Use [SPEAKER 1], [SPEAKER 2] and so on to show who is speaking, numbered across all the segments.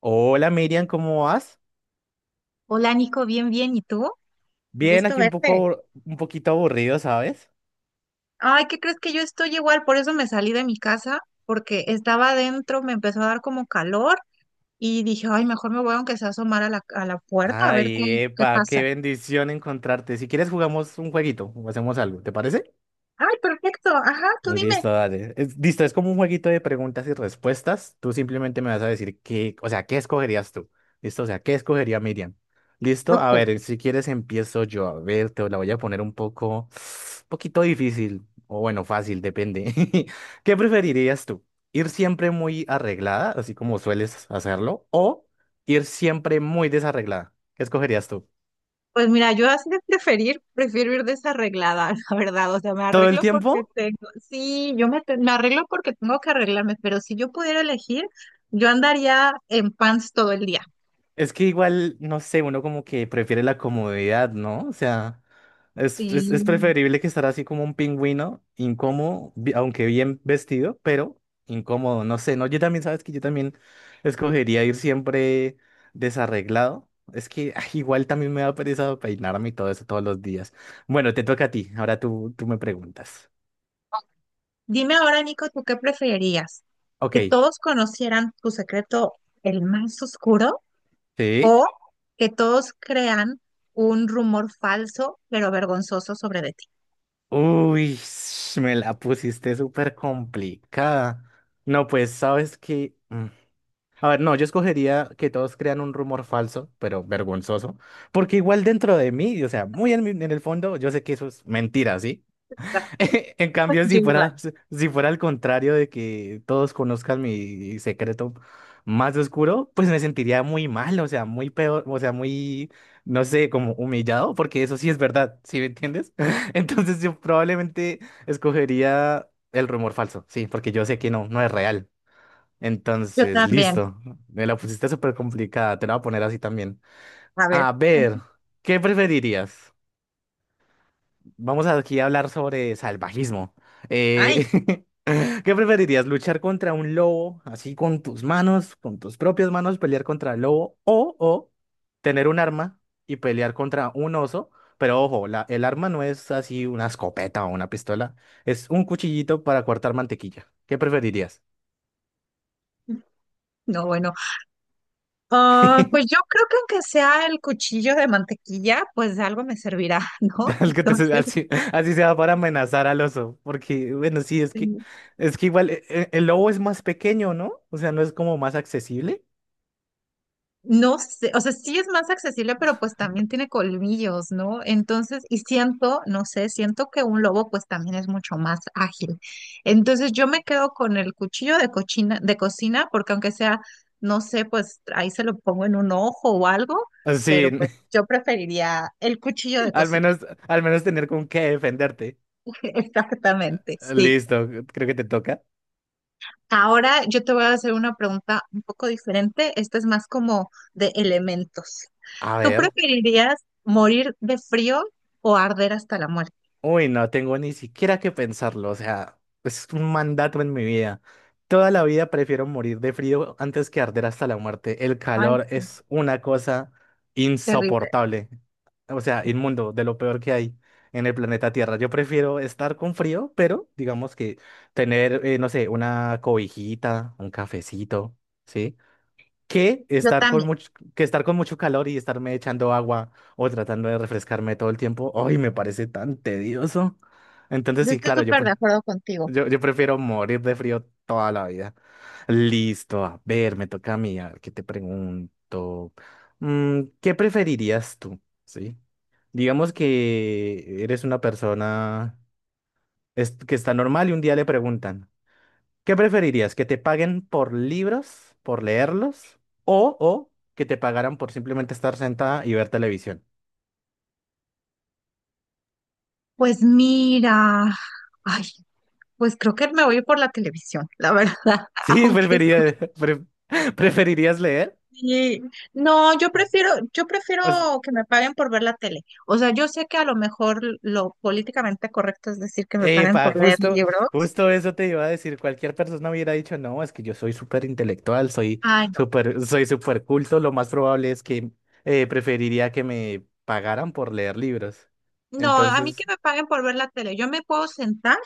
[SPEAKER 1] Hola Miriam, ¿cómo vas?
[SPEAKER 2] Hola Nico, bien, bien, ¿y tú?
[SPEAKER 1] Bien,
[SPEAKER 2] Gusto
[SPEAKER 1] aquí un poco,
[SPEAKER 2] verte.
[SPEAKER 1] un poquito aburrido, ¿sabes?
[SPEAKER 2] Ay, ¿qué crees que yo estoy igual? Por eso me salí de mi casa, porque estaba adentro, me empezó a dar como calor y dije, ay, mejor me voy aunque sea a asomar a la puerta a ver qué,
[SPEAKER 1] Ay,
[SPEAKER 2] qué
[SPEAKER 1] epa,
[SPEAKER 2] pasa.
[SPEAKER 1] qué bendición encontrarte. Si quieres jugamos un jueguito o hacemos algo, ¿te parece?
[SPEAKER 2] Ay, perfecto, ajá, tú dime.
[SPEAKER 1] Listo, dale. Listo, es como un jueguito de preguntas y respuestas. Tú simplemente me vas a decir qué, o sea, ¿qué escogerías tú? Listo, o sea, ¿qué escogería Miriam? Listo, a
[SPEAKER 2] Ok.
[SPEAKER 1] ver, si quieres empiezo yo. A ver, te la voy a poner un poco, poquito difícil, o bueno, fácil, depende. ¿Qué preferirías tú? ¿Ir siempre muy arreglada, así como sueles hacerlo, o ir siempre muy desarreglada? ¿Qué escogerías tú?
[SPEAKER 2] Pues mira, yo así de preferir, prefiero ir desarreglada, la verdad. O sea, me
[SPEAKER 1] ¿Todo el
[SPEAKER 2] arreglo porque
[SPEAKER 1] tiempo?
[SPEAKER 2] tengo, sí, me arreglo porque tengo que arreglarme, pero si yo pudiera elegir, yo andaría en pants todo el día.
[SPEAKER 1] Es que igual, no sé, uno como que prefiere la comodidad, ¿no? O sea, es
[SPEAKER 2] Sí.
[SPEAKER 1] preferible que estar así como un pingüino, incómodo, aunque bien vestido, pero incómodo, no sé, ¿no? Yo también, sabes que yo también escogería ir siempre desarreglado. Es que ay, igual también me da pereza peinarme y todo eso todos los días. Bueno, te toca a ti, ahora tú me preguntas.
[SPEAKER 2] Dime ahora, Nico, ¿tú qué preferirías?
[SPEAKER 1] Ok,
[SPEAKER 2] ¿Que todos conocieran tu secreto, el más oscuro,
[SPEAKER 1] ¿sí?
[SPEAKER 2] o que todos crean un rumor falso pero vergonzoso sobre de ti?
[SPEAKER 1] Uy, me la pusiste súper complicada. No, pues sabes que. A ver, no, yo escogería que todos crean un rumor falso, pero vergonzoso, porque igual dentro de mí, o sea, muy en el fondo, yo sé que eso es mentira, ¿sí? En cambio,
[SPEAKER 2] Yo
[SPEAKER 1] si
[SPEAKER 2] igual.
[SPEAKER 1] fuera, si si fuera al contrario de que todos conozcan mi secreto más oscuro, pues me sentiría muy mal, o sea, muy peor, o sea, muy, no sé, como humillado, porque eso sí es verdad, ¿sí me entiendes? Entonces yo probablemente escogería el rumor falso, sí, porque yo sé que no, no es real.
[SPEAKER 2] Yo
[SPEAKER 1] Entonces,
[SPEAKER 2] también.
[SPEAKER 1] listo. Me la pusiste súper complicada. Te la voy a poner así también.
[SPEAKER 2] A ver.
[SPEAKER 1] A ver, ¿qué preferirías? Vamos aquí a hablar sobre salvajismo.
[SPEAKER 2] Ay,
[SPEAKER 1] Eh, ¿qué preferirías? ¿Luchar contra un lobo así con tus manos, con tus propias manos, pelear contra el lobo? O tener un arma y pelear contra un oso. Pero ojo, el arma no es así una escopeta o una pistola. Es un cuchillito para cortar mantequilla. ¿Qué preferirías?
[SPEAKER 2] no, bueno. Ah, pues yo creo que aunque sea el cuchillo de mantequilla, pues de algo me servirá, ¿no?
[SPEAKER 1] El que te, se-
[SPEAKER 2] Entonces,
[SPEAKER 1] Así sea para amenazar al oso, porque bueno, sí, es que
[SPEAKER 2] este,
[SPEAKER 1] igual el lobo es más pequeño, ¿no? O sea, no es como más accesible.
[SPEAKER 2] no sé, o sea, sí es más accesible, pero pues también tiene colmillos, ¿no? Entonces, y siento, no sé, siento que un lobo pues también es mucho más ágil. Entonces, yo me quedo con el cuchillo de cocina, porque aunque sea, no sé, pues ahí se lo pongo en un ojo o algo,
[SPEAKER 1] Ah, sí,
[SPEAKER 2] pero pues yo preferiría el cuchillo de
[SPEAKER 1] al
[SPEAKER 2] cocina.
[SPEAKER 1] menos al menos tener con qué defenderte.
[SPEAKER 2] Exactamente,
[SPEAKER 1] Ah,
[SPEAKER 2] sí.
[SPEAKER 1] listo, creo que te toca.
[SPEAKER 2] Ahora yo te voy a hacer una pregunta un poco diferente. Esta es más como de elementos.
[SPEAKER 1] A
[SPEAKER 2] ¿Tú
[SPEAKER 1] ver.
[SPEAKER 2] preferirías morir de frío o arder hasta la muerte?
[SPEAKER 1] Uy, no tengo ni siquiera que pensarlo, o sea, es un mandato en mi vida. Toda la vida prefiero morir de frío antes que arder hasta la muerte. El
[SPEAKER 2] Ay,
[SPEAKER 1] calor
[SPEAKER 2] sí,
[SPEAKER 1] es una cosa
[SPEAKER 2] terrible.
[SPEAKER 1] insoportable, o sea, inmundo, de lo peor que hay en el planeta Tierra. Yo prefiero estar con frío, pero digamos que tener, no sé, una cobijita, un cafecito, ¿sí? que
[SPEAKER 2] Yo
[SPEAKER 1] estar con
[SPEAKER 2] también.
[SPEAKER 1] mucho, que estar con mucho calor y estarme echando agua o tratando de refrescarme todo el tiempo. Ay, me parece tan tedioso. Entonces,
[SPEAKER 2] Yo
[SPEAKER 1] sí,
[SPEAKER 2] estoy
[SPEAKER 1] claro, yo,
[SPEAKER 2] súper de
[SPEAKER 1] pre-
[SPEAKER 2] acuerdo contigo.
[SPEAKER 1] yo, yo prefiero morir de frío toda la vida. Listo, a ver, me toca a mí, a ver, ¿qué te pregunto? Mm, ¿qué preferirías tú? ¿Sí? Digamos que eres una persona que está normal y un día le preguntan. ¿Qué preferirías? ¿Que te paguen por libros, por leerlos, o que te pagaran por simplemente estar sentada y ver televisión?
[SPEAKER 2] Pues mira, ay, pues creo que me voy por la televisión, la verdad,
[SPEAKER 1] Sí,
[SPEAKER 2] aunque
[SPEAKER 1] preferirías leer.
[SPEAKER 2] sí. No, yo prefiero
[SPEAKER 1] O sea,
[SPEAKER 2] que me paguen por ver la tele. O sea, yo sé que a lo mejor lo políticamente correcto es decir que me paguen
[SPEAKER 1] epa,
[SPEAKER 2] por leer
[SPEAKER 1] justo,
[SPEAKER 2] libros.
[SPEAKER 1] justo eso te iba a decir. Cualquier persona hubiera dicho, no, es que yo soy súper intelectual, soy
[SPEAKER 2] Ay, no.
[SPEAKER 1] súper, soy súper culto. Lo más probable es que preferiría que me pagaran por leer libros.
[SPEAKER 2] No, a mí que
[SPEAKER 1] Entonces,
[SPEAKER 2] me paguen por ver la tele. Yo me puedo sentar,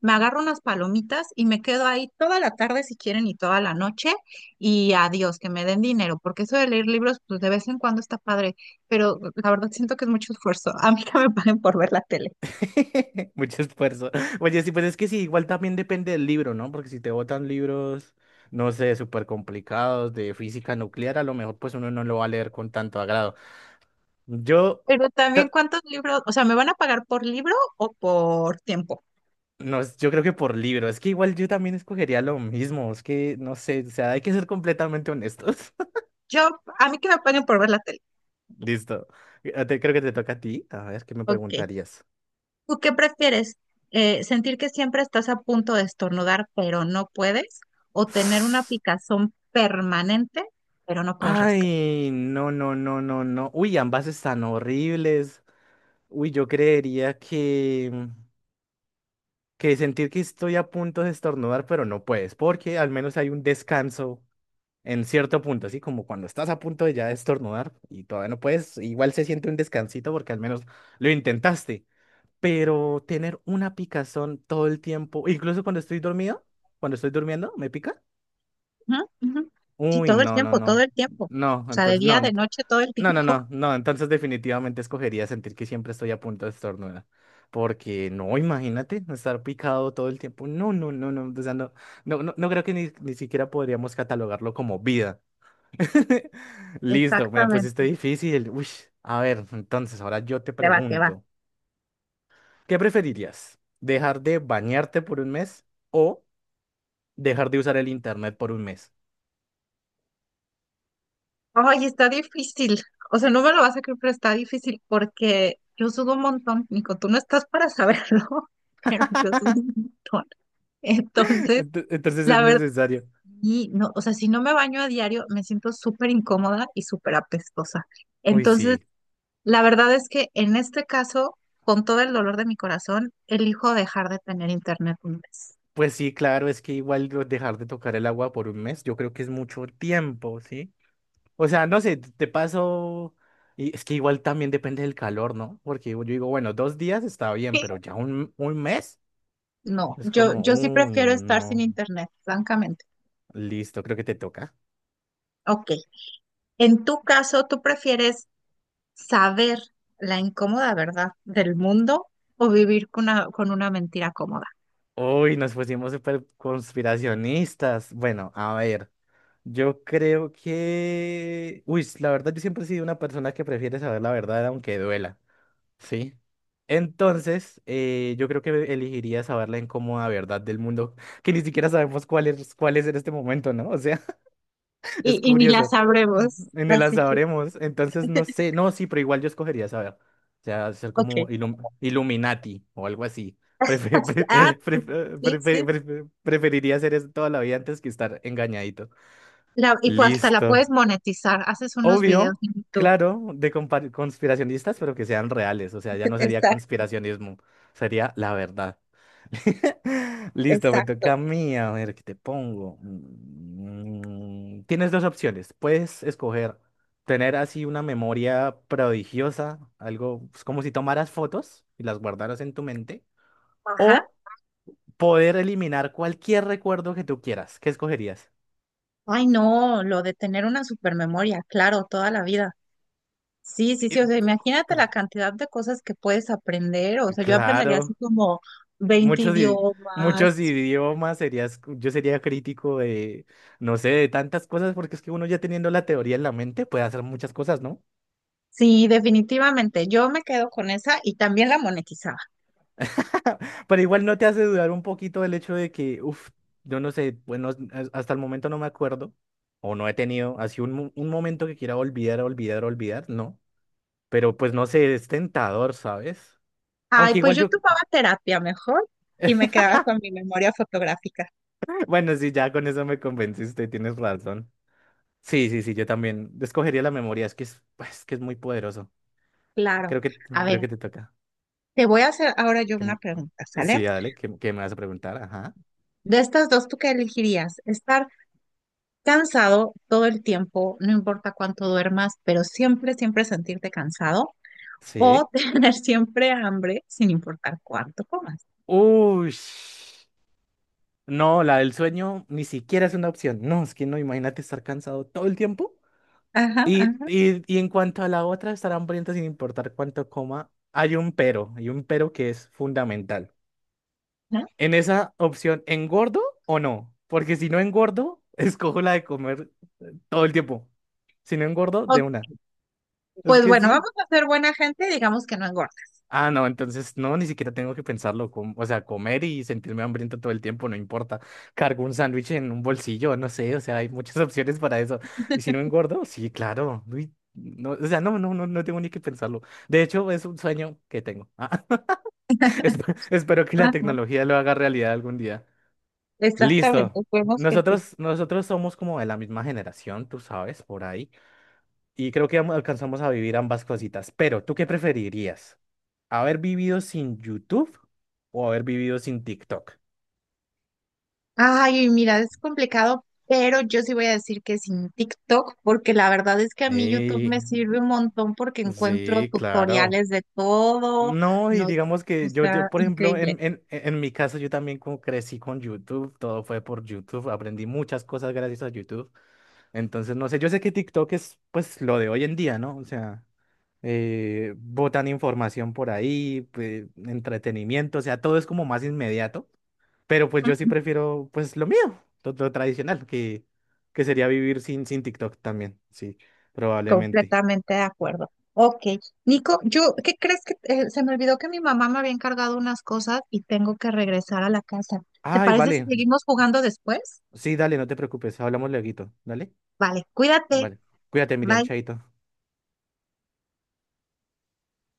[SPEAKER 2] me agarro unas palomitas y me quedo ahí toda la tarde si quieren y toda la noche y adiós, que me den dinero, porque eso de leer libros, pues de vez en cuando está padre, pero la verdad siento que es mucho esfuerzo. A mí que me paguen por ver la tele.
[SPEAKER 1] mucho esfuerzo. Oye, sí, pues es que sí, igual también depende del libro, ¿no? Porque si te botan libros, no sé, súper complicados de física nuclear, a lo mejor pues uno no lo va a leer con tanto agrado. Yo,
[SPEAKER 2] Pero también
[SPEAKER 1] ta-
[SPEAKER 2] cuántos libros, o sea, ¿me van a pagar por libro o por tiempo?
[SPEAKER 1] no, yo creo que por libro, es que igual yo también escogería lo mismo, es que no sé, o sea, hay que ser completamente honestos.
[SPEAKER 2] Yo, a mí que me paguen por ver la tele.
[SPEAKER 1] Listo. Creo que te toca a ti. A ver, ¿qué me
[SPEAKER 2] Ok.
[SPEAKER 1] preguntarías?
[SPEAKER 2] ¿Tú qué prefieres? ¿Sentir que siempre estás a punto de estornudar, pero no puedes? ¿O tener una picazón permanente, pero no puedes rascar?
[SPEAKER 1] Ay, no, no, no, no, no. Uy, ambas están horribles. Uy, yo creería que sentir que estoy a punto de estornudar, pero no puedes, porque al menos hay un descanso en cierto punto, así como cuando estás a punto de ya estornudar y todavía no puedes, igual se siente un descansito porque al menos lo intentaste, pero tener una picazón todo el tiempo, incluso cuando estoy dormido, cuando estoy durmiendo, ¿me pica?
[SPEAKER 2] Ujú, ujú. Sí,
[SPEAKER 1] Uy,
[SPEAKER 2] todo el
[SPEAKER 1] no, no,
[SPEAKER 2] tiempo, todo
[SPEAKER 1] no,
[SPEAKER 2] el tiempo. O
[SPEAKER 1] no,
[SPEAKER 2] sea, de
[SPEAKER 1] entonces
[SPEAKER 2] día,
[SPEAKER 1] no.
[SPEAKER 2] de noche, todo el
[SPEAKER 1] No,
[SPEAKER 2] tiempo.
[SPEAKER 1] no, no, no, entonces definitivamente escogería sentir que siempre estoy a punto de estornudar. Porque no, imagínate, no estar picado todo el tiempo. No, no, no, no, o sea, no, no, no, no creo que ni siquiera podríamos catalogarlo como vida. Listo, me la pusiste
[SPEAKER 2] Exactamente.
[SPEAKER 1] difícil. Uy, a ver, entonces ahora yo te
[SPEAKER 2] Te va, te va.
[SPEAKER 1] pregunto, ¿qué preferirías? ¿Dejar de bañarte por un mes o dejar de usar el internet por un mes?
[SPEAKER 2] Ay, está difícil. O sea, no me lo vas a creer, pero está difícil porque yo sudo un montón. Nico, tú no estás para saberlo, pero yo sudo un montón. Entonces,
[SPEAKER 1] Entonces es
[SPEAKER 2] la verdad.
[SPEAKER 1] necesario.
[SPEAKER 2] Y no, o sea, si no me baño a diario, me siento súper incómoda y súper apestosa.
[SPEAKER 1] Uy,
[SPEAKER 2] Entonces,
[SPEAKER 1] sí.
[SPEAKER 2] la verdad es que en este caso, con todo el dolor de mi corazón, elijo dejar de tener internet un mes.
[SPEAKER 1] Pues sí, claro, es que igual dejar de tocar el agua por un mes, yo creo que es mucho tiempo, ¿sí? O sea, no sé, te paso, y es que igual también depende del calor, ¿no? Porque yo digo, bueno, dos días está bien, pero ya un mes
[SPEAKER 2] No,
[SPEAKER 1] es
[SPEAKER 2] yo,
[SPEAKER 1] como,
[SPEAKER 2] yo sí
[SPEAKER 1] uy,
[SPEAKER 2] prefiero estar sin
[SPEAKER 1] no,
[SPEAKER 2] internet, francamente.
[SPEAKER 1] listo, creo que te toca.
[SPEAKER 2] Ok. En tu caso, ¿tú prefieres saber la incómoda verdad del mundo o vivir con una mentira cómoda?
[SPEAKER 1] Uy, nos pusimos súper conspiracionistas. Bueno, a ver, yo creo que, uy, la verdad, yo siempre he sido una persona que prefiere saber la verdad aunque duela. Sí. Entonces, yo creo que elegiría saber la incómoda verdad del mundo, que ni siquiera sabemos cuál es en este momento, ¿no? O sea, es
[SPEAKER 2] Y ni la
[SPEAKER 1] curioso.
[SPEAKER 2] sabremos.
[SPEAKER 1] En el la
[SPEAKER 2] Así que,
[SPEAKER 1] sabremos. Entonces, no sé. No, sí, pero igual yo escogería saber. O sea, ser como
[SPEAKER 2] ok.
[SPEAKER 1] Illuminati o algo así. Prefe-
[SPEAKER 2] Pues, ah,
[SPEAKER 1] pre-
[SPEAKER 2] sí,
[SPEAKER 1] pre- pre-
[SPEAKER 2] sí.
[SPEAKER 1] pre- preferiría hacer eso toda la vida antes que estar engañadito.
[SPEAKER 2] La- y pues hasta la
[SPEAKER 1] Listo.
[SPEAKER 2] puedes monetizar, haces unos videos
[SPEAKER 1] Obvio,
[SPEAKER 2] en YouTube.
[SPEAKER 1] claro, de conspiracionistas, pero que sean reales. O sea, ya no sería
[SPEAKER 2] Exacto,
[SPEAKER 1] conspiracionismo, sería la verdad. Listo, me
[SPEAKER 2] exacto.
[SPEAKER 1] toca a mí. A ver, ¿qué te pongo? Mm, tienes dos opciones. Puedes escoger tener así una memoria prodigiosa, algo pues, como si tomaras fotos y las guardaras en tu mente,
[SPEAKER 2] Ajá.
[SPEAKER 1] o poder eliminar cualquier recuerdo que tú quieras. ¿Qué escogerías?
[SPEAKER 2] Ay, no, lo de tener una supermemoria, claro, toda la vida. Sí, sí,
[SPEAKER 1] Eh,
[SPEAKER 2] sí, o sea, imagínate la cantidad de cosas que puedes aprender, o sea, yo aprendería así
[SPEAKER 1] Claro.
[SPEAKER 2] como 20
[SPEAKER 1] Muchos, i- muchos
[SPEAKER 2] idiomas.
[SPEAKER 1] idiomas serías, yo sería crítico de, no sé, de tantas cosas, porque es que uno ya teniendo la teoría en la mente puede hacer muchas cosas, ¿no?
[SPEAKER 2] Sí, definitivamente, yo me quedo con esa y también la monetizaba.
[SPEAKER 1] Pero igual no te hace dudar un poquito del hecho de que, uff, yo no sé, bueno, hasta el momento no me acuerdo, o no he tenido así un momento que quiera olvidar, olvidar, olvidar, no. Pero pues no sé, es tentador, ¿sabes?
[SPEAKER 2] Ay,
[SPEAKER 1] Aunque
[SPEAKER 2] pues
[SPEAKER 1] igual
[SPEAKER 2] yo
[SPEAKER 1] yo,
[SPEAKER 2] tomaba terapia mejor y me quedaba con mi memoria fotográfica.
[SPEAKER 1] bueno, sí, ya con eso me convenciste, tienes razón. Sí, sí, sí, yo también escogería la memoria, es que es muy poderoso.
[SPEAKER 2] Claro.
[SPEAKER 1] Creo que,
[SPEAKER 2] A
[SPEAKER 1] creo
[SPEAKER 2] ver,
[SPEAKER 1] que te toca.
[SPEAKER 2] te voy a hacer ahora yo
[SPEAKER 1] Que
[SPEAKER 2] una
[SPEAKER 1] m-
[SPEAKER 2] pregunta, ¿sale?
[SPEAKER 1] sí, dale, ¿Qué que me vas a preguntar, ajá.
[SPEAKER 2] De estas dos, ¿tú qué elegirías? ¿Estar cansado todo el tiempo, no importa cuánto duermas, pero siempre, siempre sentirte cansado? ¿O
[SPEAKER 1] Sí.
[SPEAKER 2] tener siempre hambre sin importar cuánto comas?
[SPEAKER 1] Uy, no, la del sueño ni siquiera es una opción. No, es que no, imagínate estar cansado todo el tiempo.
[SPEAKER 2] Ajá,
[SPEAKER 1] Y,
[SPEAKER 2] ajá,
[SPEAKER 1] y, y en cuanto a la otra, estar hambriento sin importar cuánto coma, hay un pero que es fundamental.
[SPEAKER 2] ajá.
[SPEAKER 1] En esa opción, ¿engordo o no? Porque si no engordo, escojo la de comer todo el tiempo. Si no engordo,
[SPEAKER 2] O-
[SPEAKER 1] de una. Es
[SPEAKER 2] pues
[SPEAKER 1] que
[SPEAKER 2] bueno,
[SPEAKER 1] sí.
[SPEAKER 2] vamos a ser buena gente, digamos que no engorda.
[SPEAKER 1] Ah, no, entonces no, ni siquiera tengo que pensarlo. O sea, comer y sentirme hambriento todo el tiempo, no importa. Cargo un sándwich en un bolsillo, no sé, o sea, hay muchas opciones para eso. Y si no engordo, sí, claro. Uy, no, o sea, no, no, no, no tengo ni que pensarlo. De hecho, es un sueño que tengo. Ah, espero que la
[SPEAKER 2] Ajá,
[SPEAKER 1] tecnología lo haga realidad algún día.
[SPEAKER 2] exactamente,
[SPEAKER 1] Listo.
[SPEAKER 2] vemos que sí.
[SPEAKER 1] Nosotros somos como de la misma generación, tú sabes, por ahí. Y creo que alcanzamos a vivir ambas cositas. Pero, ¿tú qué preferirías? ¿Haber vivido sin YouTube o haber vivido sin TikTok?
[SPEAKER 2] Ay, mira, es complicado, pero yo sí voy a decir que sin TikTok, porque la verdad es que a mí YouTube me
[SPEAKER 1] Sí,
[SPEAKER 2] sirve un montón porque encuentro
[SPEAKER 1] sí, claro.
[SPEAKER 2] tutoriales de todo,
[SPEAKER 1] No, y
[SPEAKER 2] no,
[SPEAKER 1] digamos
[SPEAKER 2] o
[SPEAKER 1] que yo,
[SPEAKER 2] sea,
[SPEAKER 1] yo, por ejemplo, en,
[SPEAKER 2] increíble.
[SPEAKER 1] en, en mi caso, yo también como crecí con YouTube, todo fue por YouTube, aprendí muchas cosas gracias a YouTube. Entonces, no sé, yo sé que TikTok es pues lo de hoy en día, ¿no? O sea, botan información por ahí, entretenimiento, o sea, todo es como más inmediato. Pero pues yo sí
[SPEAKER 2] ¿Mm?
[SPEAKER 1] prefiero pues lo mío, lo tradicional, que sería vivir sin TikTok también, sí, probablemente.
[SPEAKER 2] Completamente de acuerdo. Ok, Nico, yo, ¿qué crees que se me olvidó que mi mamá me había encargado unas cosas y tengo que regresar a la casa? ¿Te
[SPEAKER 1] Ay,
[SPEAKER 2] parece si
[SPEAKER 1] vale.
[SPEAKER 2] seguimos jugando después?
[SPEAKER 1] Sí, dale, no te preocupes, hablamos lueguito, ¿dale?
[SPEAKER 2] Vale, cuídate.
[SPEAKER 1] Vale. Cuídate, Miriam,
[SPEAKER 2] Bye.
[SPEAKER 1] chaito.